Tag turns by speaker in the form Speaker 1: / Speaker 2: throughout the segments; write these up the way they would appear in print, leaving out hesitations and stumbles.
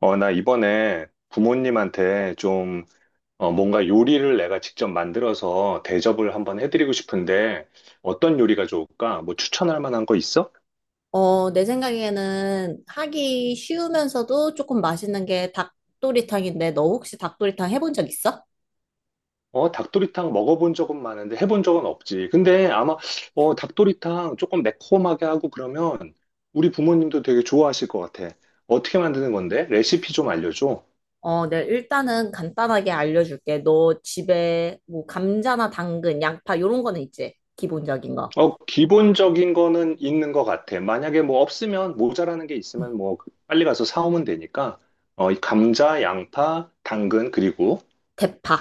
Speaker 1: 나 이번에 부모님한테 좀, 뭔가 요리를 내가 직접 만들어서 대접을 한번 해드리고 싶은데, 어떤 요리가 좋을까? 뭐 추천할 만한 거 있어?
Speaker 2: 내 생각에는 하기 쉬우면서도 조금 맛있는 게 닭도리탕인데, 너 혹시 닭도리탕 해본 적 있어?
Speaker 1: 닭도리탕 먹어본 적은 많은데 해본 적은 없지. 근데 아마, 닭도리탕 조금 매콤하게 하고 그러면 우리 부모님도 되게 좋아하실 것 같아. 어떻게 만드는 건데? 레시피 좀 알려줘.
Speaker 2: 네, 일단은 간단하게 알려줄게. 너 집에 뭐 감자나 당근, 양파 요런 거는 있지? 기본적인 거.
Speaker 1: 기본적인 거는 있는 것 같아. 만약에 뭐 없으면 모자라는 게
Speaker 2: 음,
Speaker 1: 있으면 뭐 빨리 가서 사오면 되니까. 이 감자, 양파, 당근, 그리고
Speaker 2: 대파.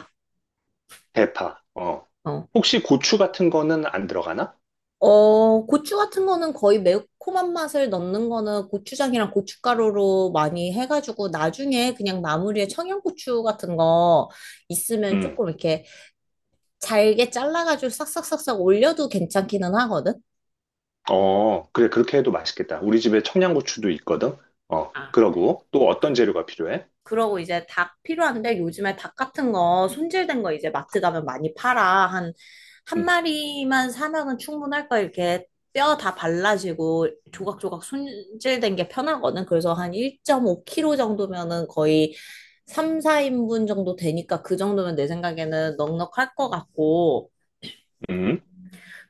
Speaker 1: 대파. 어.
Speaker 2: 어.
Speaker 1: 혹시 고추 같은 거는 안 들어가나?
Speaker 2: 고추 같은 거는 거의 매콤한 맛을 넣는 거는 고추장이랑 고춧가루로 많이 해가지고 나중에 그냥 마무리에 청양고추 같은 거 있으면
Speaker 1: 음.
Speaker 2: 조금 이렇게 잘게 잘라가지고 싹싹싹싹 올려도 괜찮기는 하거든?
Speaker 1: 어, 그래. 그렇게 해도 맛있겠다. 우리 집에 청양고추도 있거든.
Speaker 2: 아,
Speaker 1: 그러고 또 어떤 재료가 필요해?
Speaker 2: 그러고 이제 닭 필요한데 요즘에 닭 같은 거 손질된 거 이제 마트 가면 많이 팔아. 한
Speaker 1: 음.
Speaker 2: 마리만 사면은 충분할 거야. 이렇게 뼈 다 발라지고 조각조각 손질된 게 편하거든. 그래서 한 1.5kg 정도면은 거의 3, 4인분 정도 되니까 그 정도면 내 생각에는 넉넉할 것 같고.
Speaker 1: 음.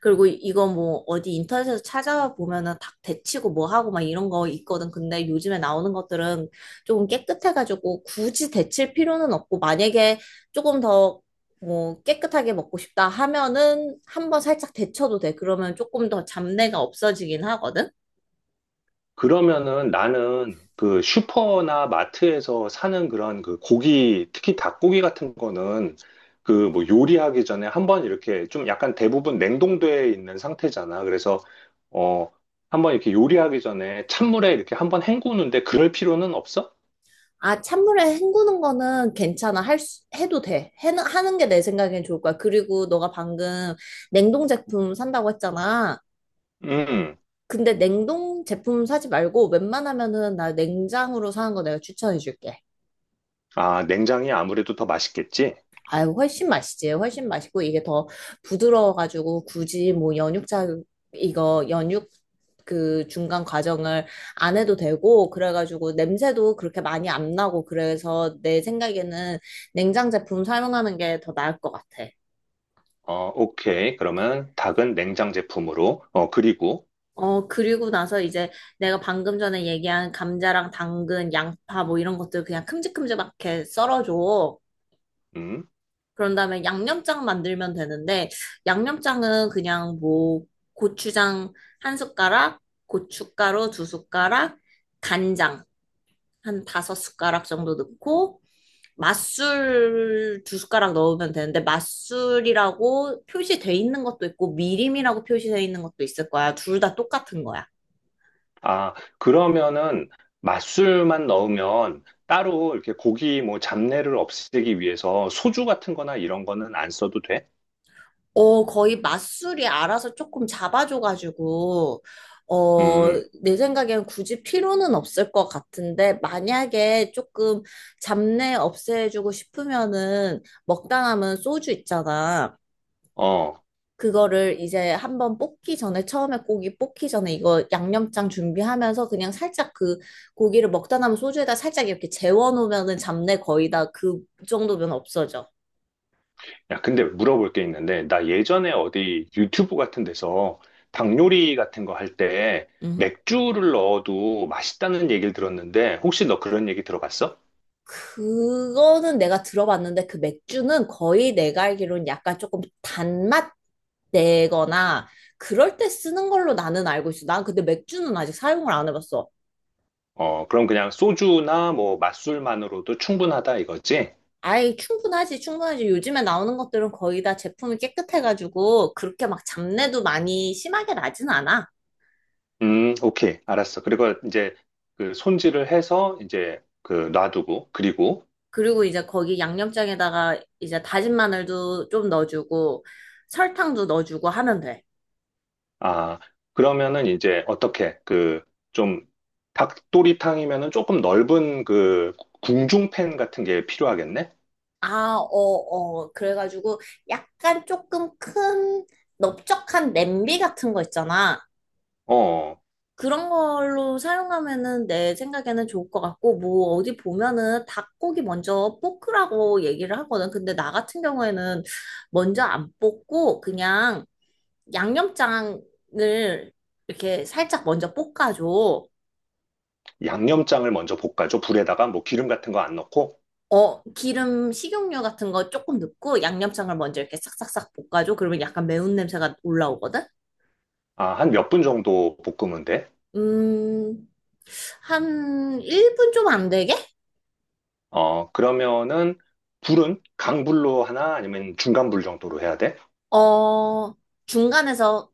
Speaker 2: 그리고 이거 뭐 어디 인터넷에서 찾아보면은 닭 데치고 뭐 하고 막 이런 거 있거든. 근데 요즘에 나오는 것들은 조금 깨끗해가지고 굳이 데칠 필요는 없고 만약에 조금 더 뭐 깨끗하게 먹고 싶다 하면은 한번 살짝 데쳐도 돼. 그러면 조금 더 잡내가 없어지긴 하거든.
Speaker 1: 그러면은 나는 그 슈퍼나 마트에서 사는 그런 그 고기, 특히 닭고기 같은 거는 그 뭐 요리하기 전에 한번 이렇게 좀 약간 대부분 냉동돼 있는 상태잖아. 그래서 어, 한번 이렇게 요리하기 전에 찬물에 이렇게 한번 헹구는데 그럴 필요는 없어?
Speaker 2: 아, 찬물에 헹구는 거는 괜찮아. 할 수, 해도 돼. 하는 게 내 생각엔 좋을 거야. 그리고 너가 방금 냉동 제품 산다고 했잖아.
Speaker 1: 음.
Speaker 2: 근데 냉동 제품 사지 말고 웬만하면은 나 냉장으로 사는 거 내가 추천해 줄게.
Speaker 1: 아, 냉장이 아무래도 더 맛있겠지?
Speaker 2: 아유, 훨씬 맛있지. 훨씬 맛있고 이게 더 부드러워가지고 굳이 뭐 연육자, 이거 연육 그 중간 과정을 안 해도 되고 그래가지고 냄새도 그렇게 많이 안 나고 그래서 내 생각에는 냉장 제품 사용하는 게 더 나을 것 같아.
Speaker 1: 어, 오케이. 그러면 닭은 냉장 제품으로. 그리고
Speaker 2: 그리고 나서 이제 내가 방금 전에 얘기한 감자랑 당근, 양파 뭐 이런 것들 그냥 큼직큼직하게 썰어줘.
Speaker 1: 음.
Speaker 2: 그런 다음에 양념장 만들면 되는데, 양념장은 그냥 뭐, 고추장 한 숟가락, 고춧가루 두 숟가락, 간장 한 다섯 숟가락 정도 넣고, 맛술 두 숟가락 넣으면 되는데, 맛술이라고 표시돼 있는 것도 있고, 미림이라고 표시돼 있는 것도 있을 거야. 둘 다 똑같은 거야.
Speaker 1: 아, 그러면은 맛술만 넣으면 따로 이렇게 고기 뭐 잡내를 없애기 위해서 소주 같은 거나 이런 거는 안 써도 돼?
Speaker 2: 거의 맞술이 알아서 조금 잡아줘가지고, 어,
Speaker 1: 음,
Speaker 2: 내 생각엔 굳이 필요는 없을 것 같은데, 만약에 조금 잡내 없애주고 싶으면은, 먹다남은 소주 있잖아.
Speaker 1: 어.
Speaker 2: 그거를 이제 한번 볶기 전에, 처음에 고기 볶기 전에 이거 양념장 준비하면서 그냥 살짝 그 고기를 먹다 남은 소주에다 살짝 이렇게 재워놓으면은 잡내 거의 다 그 정도면 없어져.
Speaker 1: 야, 근데 물어볼 게 있는데, 나 예전에 어디 유튜브 같은 데서 닭 요리 같은 거 할 때
Speaker 2: 응?
Speaker 1: 맥주를 넣어도 맛있다는 얘기를 들었는데, 혹시 너 그런 얘기 들어봤어?
Speaker 2: 그거는 내가 들어봤는데 그 맥주는 거의 내가 알기로는 약간 조금 단맛 내거나 그럴 때 쓰는 걸로 나는 알고 있어. 난 근데 맥주는 아직 사용을 안 해봤어.
Speaker 1: 그럼 그냥 소주나 뭐 맛술만으로도 충분하다 이거지?
Speaker 2: 아이, 충분하지, 충분하지. 요즘에 나오는 것들은 거의 다 제품이 깨끗해가지고 그렇게 막 잡내도 많이 심하게 나진 않아.
Speaker 1: 오케이. 알았어. 그리고 이제 그 손질을 해서 이제 그 놔두고, 그리고,
Speaker 2: 그리고 이제 거기 양념장에다가 이제 다진 마늘도 좀 넣어주고 설탕도 넣어주고 하면 돼.
Speaker 1: 아, 그러면은 이제 어떻게 그 좀 닭도리탕이면은 조금 넓은 그 궁중팬 같은 게 필요하겠네?
Speaker 2: 아, 어, 어. 그래가지고 약간 조금 큰 넓적한 냄비 같은 거 있잖아.
Speaker 1: 어,
Speaker 2: 그런 걸로 사용하면은 내 생각에는 좋을 것 같고, 뭐 어디 보면은 닭고기 먼저 볶으라고 얘기를 하거든. 근데 나 같은 경우에는 먼저 안 볶고 그냥 양념장을 이렇게 살짝 먼저 볶아줘.
Speaker 1: 양념장을 먼저 볶아줘. 불에다가 뭐 기름 같은 거 안 넣고,
Speaker 2: 어, 기름, 식용유 같은 거 조금 넣고 양념장을 먼저 이렇게 싹싹싹 볶아줘. 그러면 약간 매운 냄새가 올라오거든?
Speaker 1: 아, 한 몇 분 정도 볶으면 돼.
Speaker 2: 음, 한 1분 좀 안 되게?
Speaker 1: 그러면은 불은 강불로 하나 아니면 중간불 정도로 해야 돼?
Speaker 2: 어, 중간에서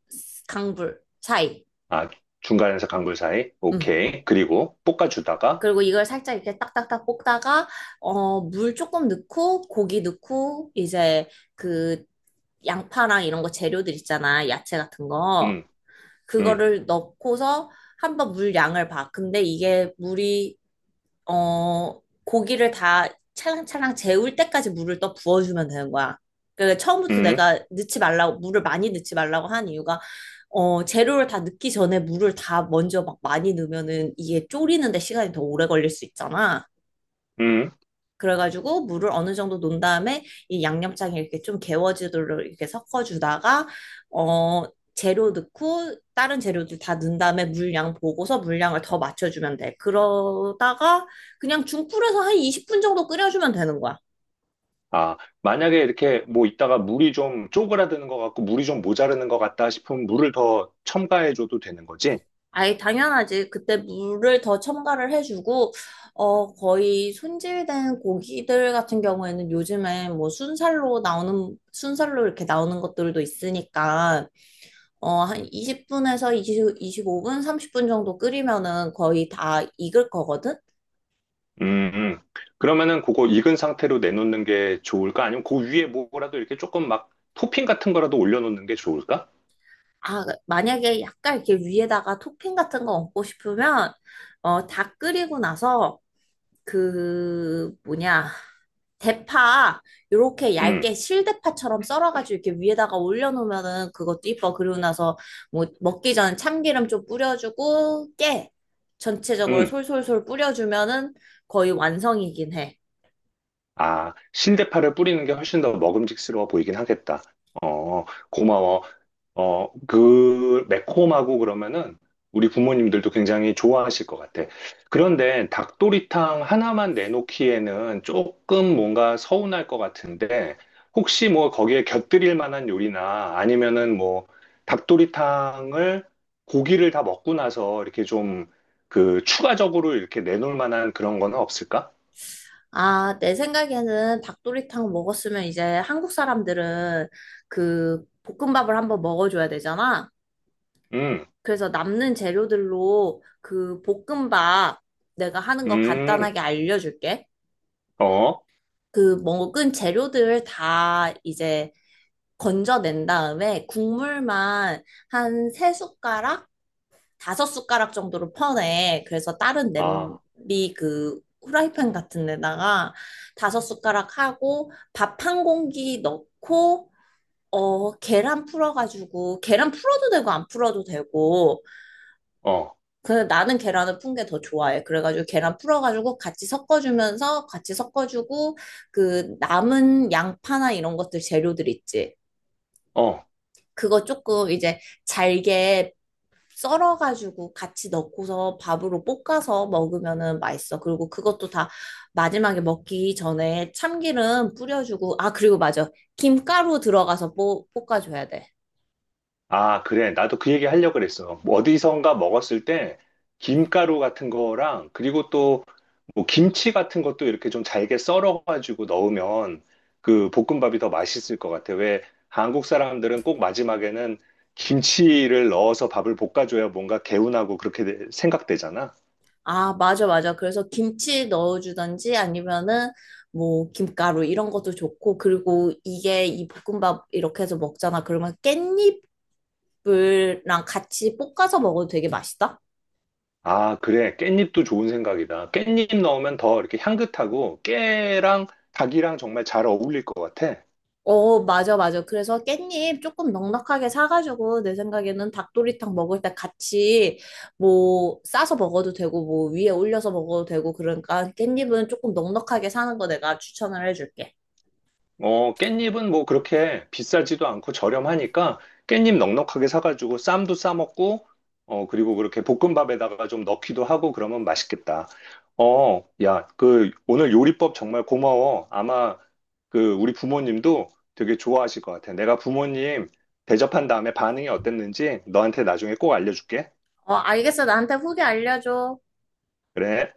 Speaker 2: 강불 사이.
Speaker 1: 아, 중간에서 강불 사이?
Speaker 2: 음.
Speaker 1: 오케이. 그리고 볶아주다가,
Speaker 2: 그리고 이걸 살짝 이렇게 딱딱딱 볶다가, 어, 물 조금 넣고, 고기 넣고, 이제 그 양파랑 이런 거 재료들 있잖아. 야채 같은 거.
Speaker 1: 음, 음,
Speaker 2: 그거를 넣고서 한번 물 양을 봐. 근데 이게 물이 어, 고기를 다 차랑차랑 재울 때까지 물을 또 부어주면 되는 거야. 그 처음부터
Speaker 1: 음,
Speaker 2: 내가 넣지 말라고, 물을 많이 넣지 말라고 한 이유가, 재료를 다 넣기 전에 물을 다 먼저 막 많이 넣으면은 이게 졸이는데 시간이 더 오래 걸릴 수 있잖아.
Speaker 1: 음.
Speaker 2: 그래가지고 물을 어느 정도 놓은 다음에 이 양념장에 이렇게 좀 개워지도록 이렇게 섞어주다가 어 재료 넣고 다른 재료들 다 넣은 다음에 물량 보고서 물량을 더 맞춰주면 돼. 그러다가 그냥 중불에서 한 20분 정도 끓여주면 되는 거야.
Speaker 1: 아, 만약에 이렇게 뭐 있다가 물이 좀 쪼그라드는 것 같고 물이 좀 모자르는 것 같다 싶으면 물을 더 첨가해줘도 되는 거지?
Speaker 2: 아예 당연하지. 그때 물을 더 첨가를 해주고 거의 손질된 고기들 같은 경우에는 요즘에 뭐 순살로 나오는 순살로 이렇게 나오는 것들도 있으니까 한 20분에서 2 5분 30분 정도 끓이면은 거의 다 익을 거거든?
Speaker 1: 음, 음. 그러면은 그거 익은 상태로 내놓는 게 좋을까? 아니면 그 위에 뭐라도 이렇게 조금 막 토핑 같은 거라도 올려놓는 게 좋을까?
Speaker 2: 아, 만약에 약간 이렇게 위에다가 토핑 같은 거 얹고 싶으면, 어, 다 끓이고 나서 그, 뭐냐, 대파, 요렇게
Speaker 1: 음,
Speaker 2: 얇게 실대파처럼 썰어가지고 이렇게 위에다가 올려놓으면은 그것도 이뻐. 그리고 나서 뭐 먹기 전에 참기름 좀 뿌려주고, 깨. 전체적으로
Speaker 1: 음.
Speaker 2: 솔솔솔 뿌려주면은 거의 완성이긴 해.
Speaker 1: 아, 신대파를 뿌리는 게 훨씬 더 먹음직스러워 보이긴 하겠다. 어, 고마워. 그 매콤하고 그러면은 우리 부모님들도 굉장히 좋아하실 것 같아. 그런데 닭도리탕 하나만 내놓기에는 조금 뭔가 서운할 것 같은데 혹시 뭐 거기에 곁들일 만한 요리나 아니면은 뭐 닭도리탕을 고기를 다 먹고 나서 이렇게 좀 그 추가적으로 이렇게 내놓을 만한 그런 거는 없을까?
Speaker 2: 아, 내 생각에는 닭도리탕 먹었으면 이제 한국 사람들은 그 볶음밥을 한번 먹어줘야 되잖아.
Speaker 1: 음,
Speaker 2: 그래서 남는 재료들로 그 볶음밥 내가 하는 거
Speaker 1: 음,
Speaker 2: 간단하게 알려줄게.
Speaker 1: 어,
Speaker 2: 그 먹은 재료들 다 이제 건져낸 다음에 국물만 한 세 숟가락? 다섯 숟가락 정도로 퍼내. 그래서 다른
Speaker 1: 아,
Speaker 2: 냄비 그 후라이팬 같은 데다가 다섯 숟가락 하고 밥 한 공기 넣고 계란 풀어가지고 계란 풀어도 되고 안 풀어도 되고
Speaker 1: 어,
Speaker 2: 근데 나는 계란을 푼 게 더 좋아해. 그래가지고 계란 풀어가지고 같이 섞어주면서 같이 섞어주고 그 남은 양파나 이런 것들 재료들 있지.
Speaker 1: 어.
Speaker 2: 그거 조금 이제 잘게 썰어가지고 같이 넣고서 밥으로 볶아서 먹으면은 맛있어. 그리고 그것도 다 마지막에 먹기 전에 참기름 뿌려주고, 아, 그리고 맞아. 김가루 들어가서 볶아줘야 돼.
Speaker 1: 아, 그래. 나도 그 얘기 하려고 그랬어. 뭐 어디선가 먹었을 때 김가루 같은 거랑 그리고 또 뭐 김치 같은 것도 이렇게 좀 잘게 썰어가지고 넣으면 그 볶음밥이 더 맛있을 것 같아. 왜 한국 사람들은 꼭 마지막에는 김치를 넣어서 밥을 볶아줘야 뭔가 개운하고 그렇게 생각되잖아.
Speaker 2: 아, 맞아, 맞아. 그래서 김치 넣어주던지 아니면은 뭐 김가루 이런 것도 좋고, 그리고 이게 이 볶음밥 이렇게 해서 먹잖아. 그러면 깻잎이랑 같이 볶아서 먹어도 되게 맛있다.
Speaker 1: 아, 그래. 깻잎도 좋은 생각이다. 깻잎 넣으면 더 이렇게 향긋하고 깨랑 닭이랑 정말 잘 어울릴 것 같아.
Speaker 2: 어, 맞아, 맞아. 그래서 깻잎 조금 넉넉하게 사가지고, 내 생각에는 닭도리탕 먹을 때 같이, 뭐, 싸서 먹어도 되고, 뭐, 위에 올려서 먹어도 되고, 그러니까 깻잎은 조금 넉넉하게 사는 거 내가 추천을 해줄게.
Speaker 1: 깻잎은 뭐 그렇게 비싸지도 않고 저렴하니까 깻잎 넉넉하게 사가지고 쌈도 싸먹고, 그리고 그렇게 볶음밥에다가 좀 넣기도 하고 그러면 맛있겠다. 야, 그 오늘 요리법 정말 고마워. 아마 그 우리 부모님도 되게 좋아하실 것 같아. 내가 부모님 대접한 다음에 반응이 어땠는지 너한테 나중에 꼭 알려줄게.
Speaker 2: 어, 알겠어. 나한테 후기 알려줘.
Speaker 1: 그래.